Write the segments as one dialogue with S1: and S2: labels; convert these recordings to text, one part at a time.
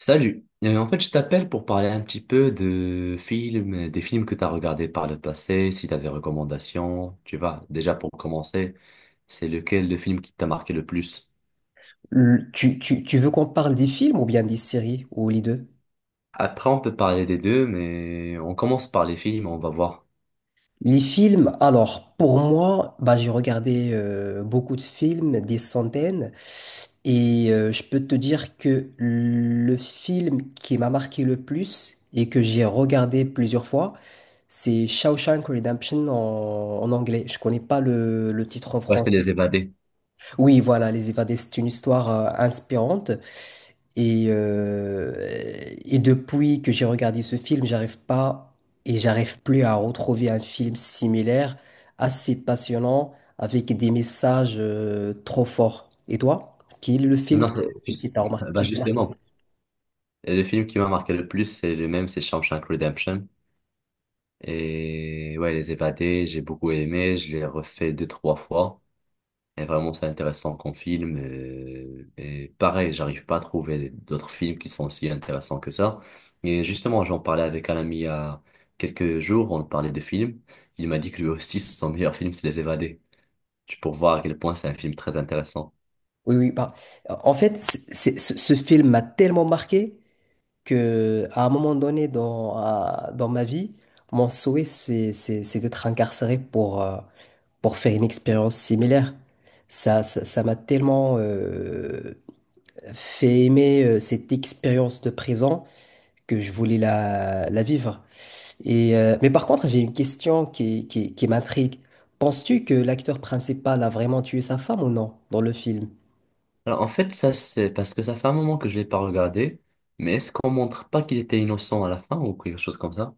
S1: Salut. En fait, je t'appelle pour parler un petit peu de films, des films que tu as regardés par le passé, si tu as des recommandations, tu vois. Déjà pour commencer, c'est lequel le film qui t'a marqué le plus?
S2: Tu veux qu'on parle des films ou bien des séries ou les deux?
S1: Après, on peut parler des deux, mais on commence par les films, on va voir.
S2: Les films, alors pour moi, j'ai regardé beaucoup de films, des centaines, je peux te dire que le film qui m'a marqué le plus et que j'ai regardé plusieurs fois, c'est Shawshank Redemption en anglais. Je connais pas le titre en
S1: Ouais, c'est
S2: français.
S1: Les Évadés.
S2: Oui, voilà, Les Évadés, c'est une histoire inspirante. Et, euh, et depuis que j'ai regardé ce film, j'arrive pas et j'arrive plus à retrouver un film similaire, assez passionnant, avec des messages trop forts. Et toi, quel est le film
S1: Non, bah
S2: qui t'a marqué?
S1: justement, le film qui m'a marqué le plus, c'est le même, c'est Shawshank Redemption. Et ouais, Les Évadés, j'ai beaucoup aimé, je l'ai refait deux, trois fois. Et vraiment, c'est intéressant comme film. Et, pareil, j'arrive pas à trouver d'autres films qui sont aussi intéressants que ça. Et justement, j'en parlais avec un ami il y a quelques jours, on parlait de films. Il m'a dit que lui aussi, son meilleur film, c'est Les Évadés. Tu peux voir à quel point c'est un film très intéressant.
S2: Oui, oui, en fait, ce film m'a tellement marqué que à un moment donné dans ma vie, mon souhait, c'est d'être incarcéré pour faire une expérience similaire. Ça m'a tellement fait aimer cette expérience de présent que je voulais la vivre. Mais par contre, j'ai une question qui m'intrigue. Penses-tu que l'acteur principal a vraiment tué sa femme ou non dans le film?
S1: Alors, en fait, ça, c'est parce que ça fait un moment que je l'ai pas regardé. Mais est-ce qu'on montre pas qu'il était innocent à la fin ou quelque chose comme ça?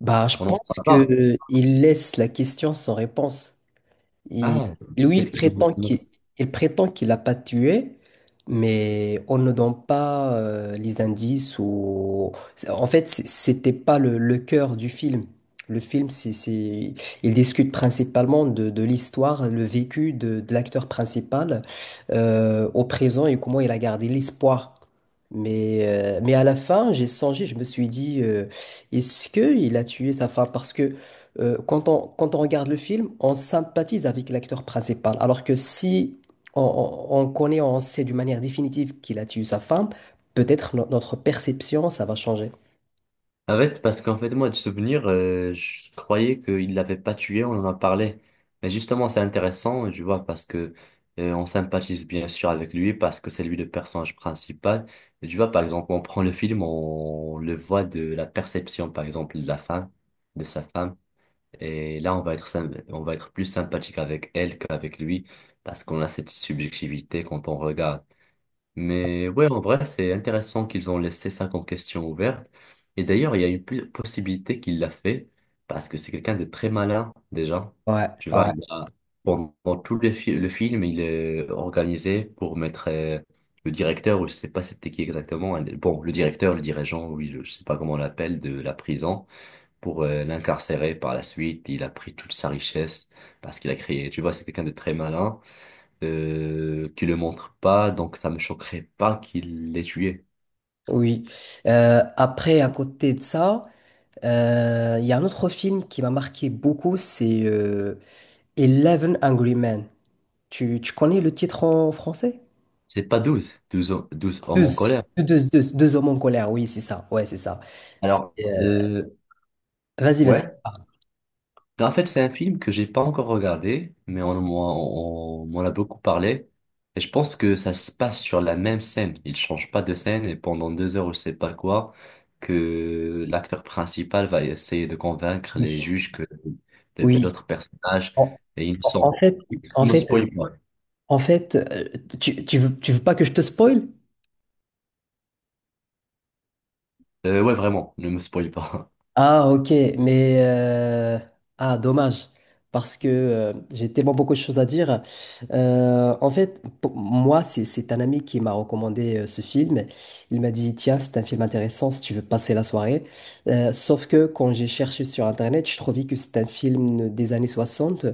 S2: Bah, je
S1: On n'en
S2: pense
S1: parle pas.
S2: que il laisse la question sans réponse. Il-
S1: Ah, le
S2: Lui, il
S1: fait qu'il est
S2: prétend qu'il
S1: innocent.
S2: il prétend qu'il l'a pas tué, mais on ne donne pas les indices. En fait, c'était pas le cœur du film. Le film, il discute principalement de l'histoire, le vécu de l'acteur principal au présent et comment il a gardé l'espoir. Mais à la fin, j'ai songé, je me suis dit, est-ce qu'il a tué sa femme? Parce que quand quand on regarde le film, on sympathise avec l'acteur principal. Alors que si on connaît, on sait d'une manière définitive qu'il a tué sa femme, peut-être notre perception, ça va changer.
S1: En fait, parce qu'en fait, moi, de souvenir, je croyais qu'il l'avait pas tué, on en a parlé. Mais justement, c'est intéressant, tu vois, parce que on sympathise bien sûr avec lui, parce que c'est lui le personnage principal. Et tu vois, par exemple, on prend le film, on le voit de la perception, par exemple, de la femme, de sa femme. Et là, on va être, on va être plus sympathique avec elle qu'avec lui, parce qu'on a cette subjectivité quand on regarde. Mais ouais, en vrai, c'est intéressant qu'ils ont laissé ça comme question ouverte. Et d'ailleurs, il y a une possibilité qu'il l'a fait parce que c'est quelqu'un de très malin déjà.
S2: Ouais,
S1: Tu vois,
S2: ouais,
S1: il a, pendant tout le film, il est organisé pour mettre le directeur, ou je sais pas c'était qui exactement, bon, le directeur, le dirigeant, je sais pas comment on l'appelle, de la prison pour l'incarcérer par la suite. Il a pris toute sa richesse parce qu'il a créé. Tu vois, c'est quelqu'un de très malin qui le montre pas, donc ça me choquerait pas qu'il l'ait tué.
S2: oui. Après, à côté de ça, il y a un autre film qui m'a marqué beaucoup, c'est Eleven Angry Men. Tu connais le titre en français?
S1: C'est pas 12 hommes
S2: Deux.
S1: en colère.
S2: Deux hommes en colère, oui, c'est ça. Ouais, c'est ça.
S1: Alors,
S2: Vas-y, vas-y.
S1: ouais.
S2: Ah,
S1: En fait, c'est un film que j'ai pas encore regardé, mais on m'en a beaucoup parlé. Et je pense que ça se passe sur la même scène. Il change pas de scène et pendant deux heures ou je sais pas quoi, que l'acteur principal va essayer de convaincre les
S2: oui.
S1: juges que
S2: Oui.
S1: l'autre personnage
S2: En,
S1: est
S2: en
S1: innocent.
S2: fait, en
S1: Ne me
S2: fait,
S1: spoil pas.
S2: en fait, euh, tu veux pas que je te spoil?
S1: Ouais, vraiment, ne me spoil pas.
S2: Ah, ok, mais ah, dommage, parce que j'ai tellement beaucoup de choses à dire. En fait, pour moi, c'est un ami qui m'a recommandé ce film. Il m'a dit, tiens, c'est un film intéressant si tu veux passer la soirée. Sauf que quand j'ai cherché sur Internet, je trouvais que c'est un film des années 60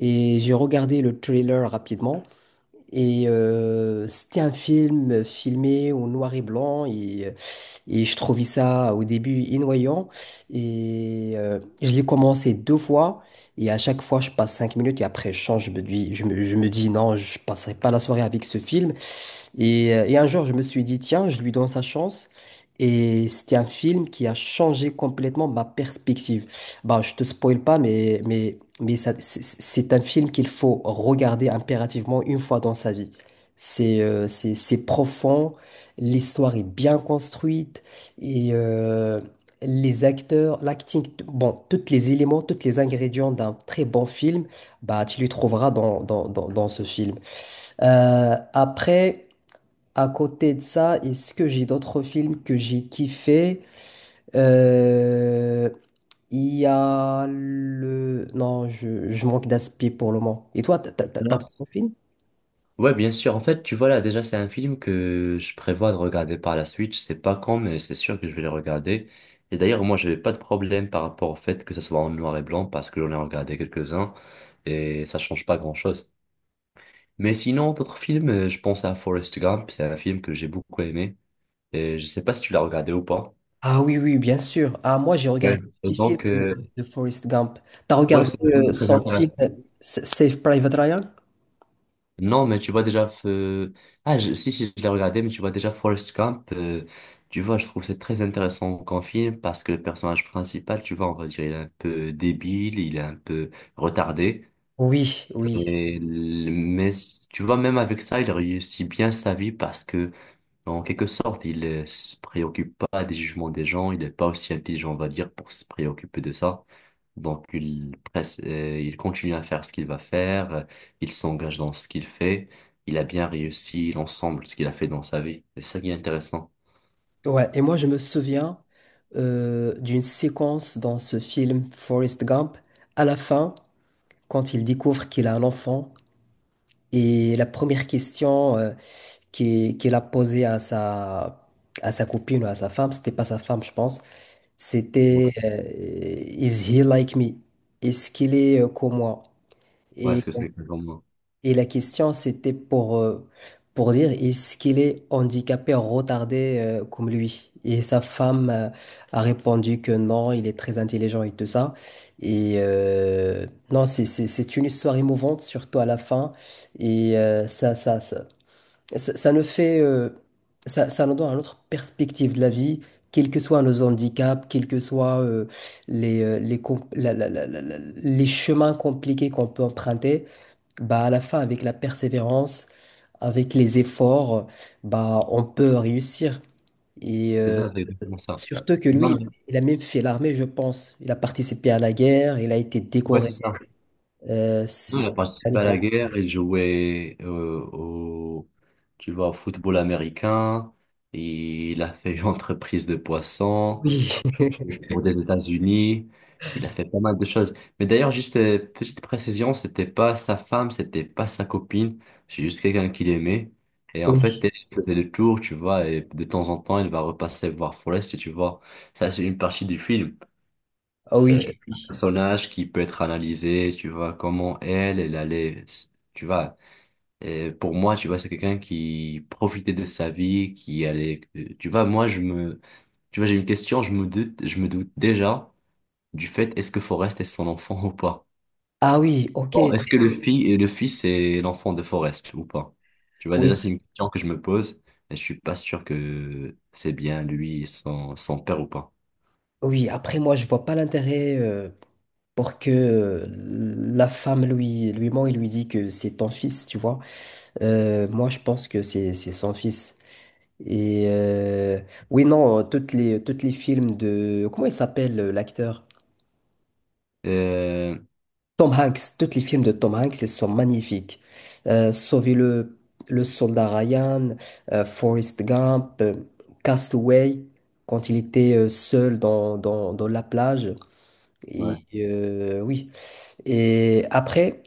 S2: et j'ai regardé le trailer rapidement. C'était un film filmé au noir et blanc et je trouvais ça au début ennuyant. Je l'ai commencé deux fois. Et à chaque fois, je passe 5 minutes et après, je change. Je me dis, je me dis non, je passerai pas la soirée avec ce film. Et un jour, je me suis dit, tiens, je lui donne sa chance. Et c'était un film qui a changé complètement ma perspective. Bah, je te spoil pas, mais ça, c'est un film qu'il faut regarder impérativement une fois dans sa vie. C'est c'est profond, l'histoire est bien construite, et euh, les acteurs, l'acting, bon, tous les éléments, tous les ingrédients d'un très bon film, bah, tu les trouveras dans ce film. Après. À côté de ça, est-ce que j'ai d'autres films que j'ai kiffé? Euh, Il y a Non, je manque d'aspi pour le moment. Et toi, t'as d'autres films?
S1: Ouais, bien sûr. En fait, tu vois là, déjà, c'est un film que je prévois de regarder par la suite. Je sais pas quand, mais c'est sûr que je vais le regarder. Et d'ailleurs, moi, j'avais pas de problème par rapport au fait que ça soit en noir et blanc parce que j'en ai regardé quelques-uns et ça change pas grand-chose. Mais sinon, d'autres films, je pense à Forrest Gump. C'est un film que j'ai beaucoup aimé et je sais pas si tu l'as regardé ou pas.
S2: Ah oui, oui, bien sûr. Ah, moi, j'ai
S1: Ouais.
S2: regardé
S1: Et
S2: les films
S1: donc,
S2: de Forrest Gump. T'as
S1: ouais,
S2: regardé
S1: c'est un film très
S2: son film
S1: intéressant.
S2: Save Private Ryan?
S1: Non, mais tu vois déjà. Ah, si, si, je l'ai regardé, mais tu vois déjà Forrest Gump. Tu vois, je trouve c'est très intéressant comme film parce que le personnage principal, tu vois, on va dire, il est un peu débile, il est un peu retardé.
S2: Oui, oui.
S1: Et l- Tu vois, même avec ça, il réussit bien sa vie parce que en quelque sorte, il ne se préoccupe pas des jugements des gens, il n'est pas aussi intelligent, on va dire, pour se préoccuper de ça. Donc, il continue à faire ce qu'il va faire, il s'engage dans ce qu'il fait, il a bien réussi l'ensemble de ce qu'il a fait dans sa vie. C'est ça qui est intéressant.
S2: Ouais, et moi je me souviens d'une séquence dans ce film Forrest Gump, à la fin, quand il découvre qu'il a un enfant, et la première question qu'il a posée à sa copine ou à sa femme, c'était pas sa femme je pense,
S1: Ouais,
S2: c'était Is he like me? Est-ce qu'il est comme moi?
S1: ouais, est-ce que c'est quelque chose comme moi?
S2: Et la question, c'était pour dire, est-ce qu'il est handicapé, retardé comme lui? Et sa femme a répondu que non, il est très intelligent et tout ça. Et euh, non, c'est une histoire émouvante, surtout à la fin. Et euh, ça, ça, ça, ça nous fait, ça nous donne une autre perspective de la vie, quels que soient nos handicaps, quels que soient les, com- la- la- la- la- la- les chemins compliqués qu'on peut emprunter. Bah, à la fin, avec la persévérance, avec les efforts, bah, on peut réussir. Et
S1: C'est
S2: euh,
S1: ça, c'est exactement ça.
S2: surtout que
S1: Non,
S2: lui,
S1: mais,
S2: il a même fait l'armée, je pense. Il a participé à la guerre, il a été
S1: ouais,
S2: décoré.
S1: c'est ça. Non, il a
S2: C'est un
S1: participé à la
S2: héros.
S1: guerre, il jouait au, tu vois, au football américain, il a fait une entreprise de poissons.
S2: Oui,
S1: Tour des États-Unis. Il a fait pas mal de choses. Mais d'ailleurs, juste petite précision, c'était pas sa femme, c'était pas sa copine. C'est juste quelqu'un qu'il aimait. Et en fait,
S2: oui,
S1: elle faisait le tour, tu vois, et de temps en temps, il va repasser voir Forrest, et tu vois. Ça, c'est une partie du film.
S2: ah
S1: C'est
S2: oui,
S1: un
S2: oui.
S1: personnage qui peut être analysé, tu vois, comment elle, elle allait, tu vois. Et pour moi, tu vois, c'est quelqu'un qui profitait de sa vie, qui allait, tu vois, moi, tu vois, j'ai une question, je me doute déjà du fait est-ce que Forrest est son enfant ou pas?
S2: Ah oui, ok,
S1: Bon, est-ce que le fils et le fils est l'enfant de Forrest ou pas? Tu vois,
S2: oui,
S1: déjà, c'est une question que je me pose et je suis pas sûr que c'est bien lui et son, son père ou pas.
S2: oui. Après, moi, je vois pas l'intérêt pour que la femme lui ment et lui dit que c'est ton fils, tu vois. Moi, je pense que c'est son fils. Et euh, oui, non, toutes les films de... Comment il s'appelle l'acteur?
S1: Euh,
S2: Tom Hanks. Tous les films de Tom Hanks, ils sont magnifiques. Sauver le soldat Ryan, Forrest Gump, Castaway, quand il était seul dans la plage. Et
S1: ouais.
S2: oui. Et après,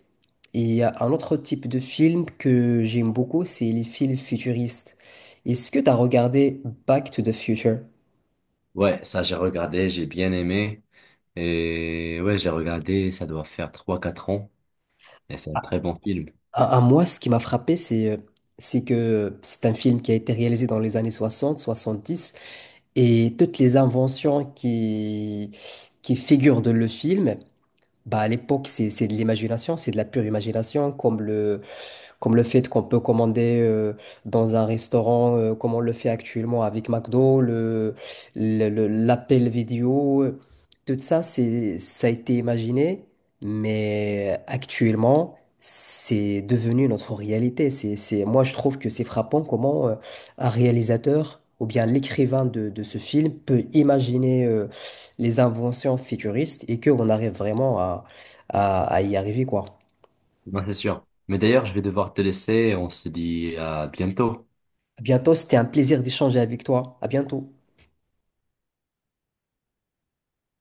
S2: il y a un autre type de film que j'aime beaucoup, c'est les films futuristes. Est-ce que tu as regardé Back to the Future?
S1: Ouais, ça, j'ai regardé, j'ai bien aimé. Et ouais, j'ai regardé, ça doit faire trois quatre ans et c'est un très bon film.
S2: À moi, ce qui m'a frappé, c'est que c'est un film qui a été réalisé dans les années 60, 70, et toutes les inventions qui figurent dans le film, bah, à l'époque, c'est de l'imagination, c'est de la pure imagination, comme le fait qu'on peut commander dans un restaurant, comme on le fait actuellement avec McDo, l'appel vidéo, tout ça, ça a été imaginé, mais actuellement, c'est devenu notre réalité. Moi, je trouve que c'est frappant comment un réalisateur ou bien l'écrivain de ce film peut imaginer les inventions futuristes et qu'on arrive vraiment à y arriver, quoi.
S1: Non, c'est sûr. Mais d'ailleurs, je vais devoir te laisser. On se dit à bientôt.
S2: À bientôt, c'était un plaisir d'échanger avec toi. À bientôt.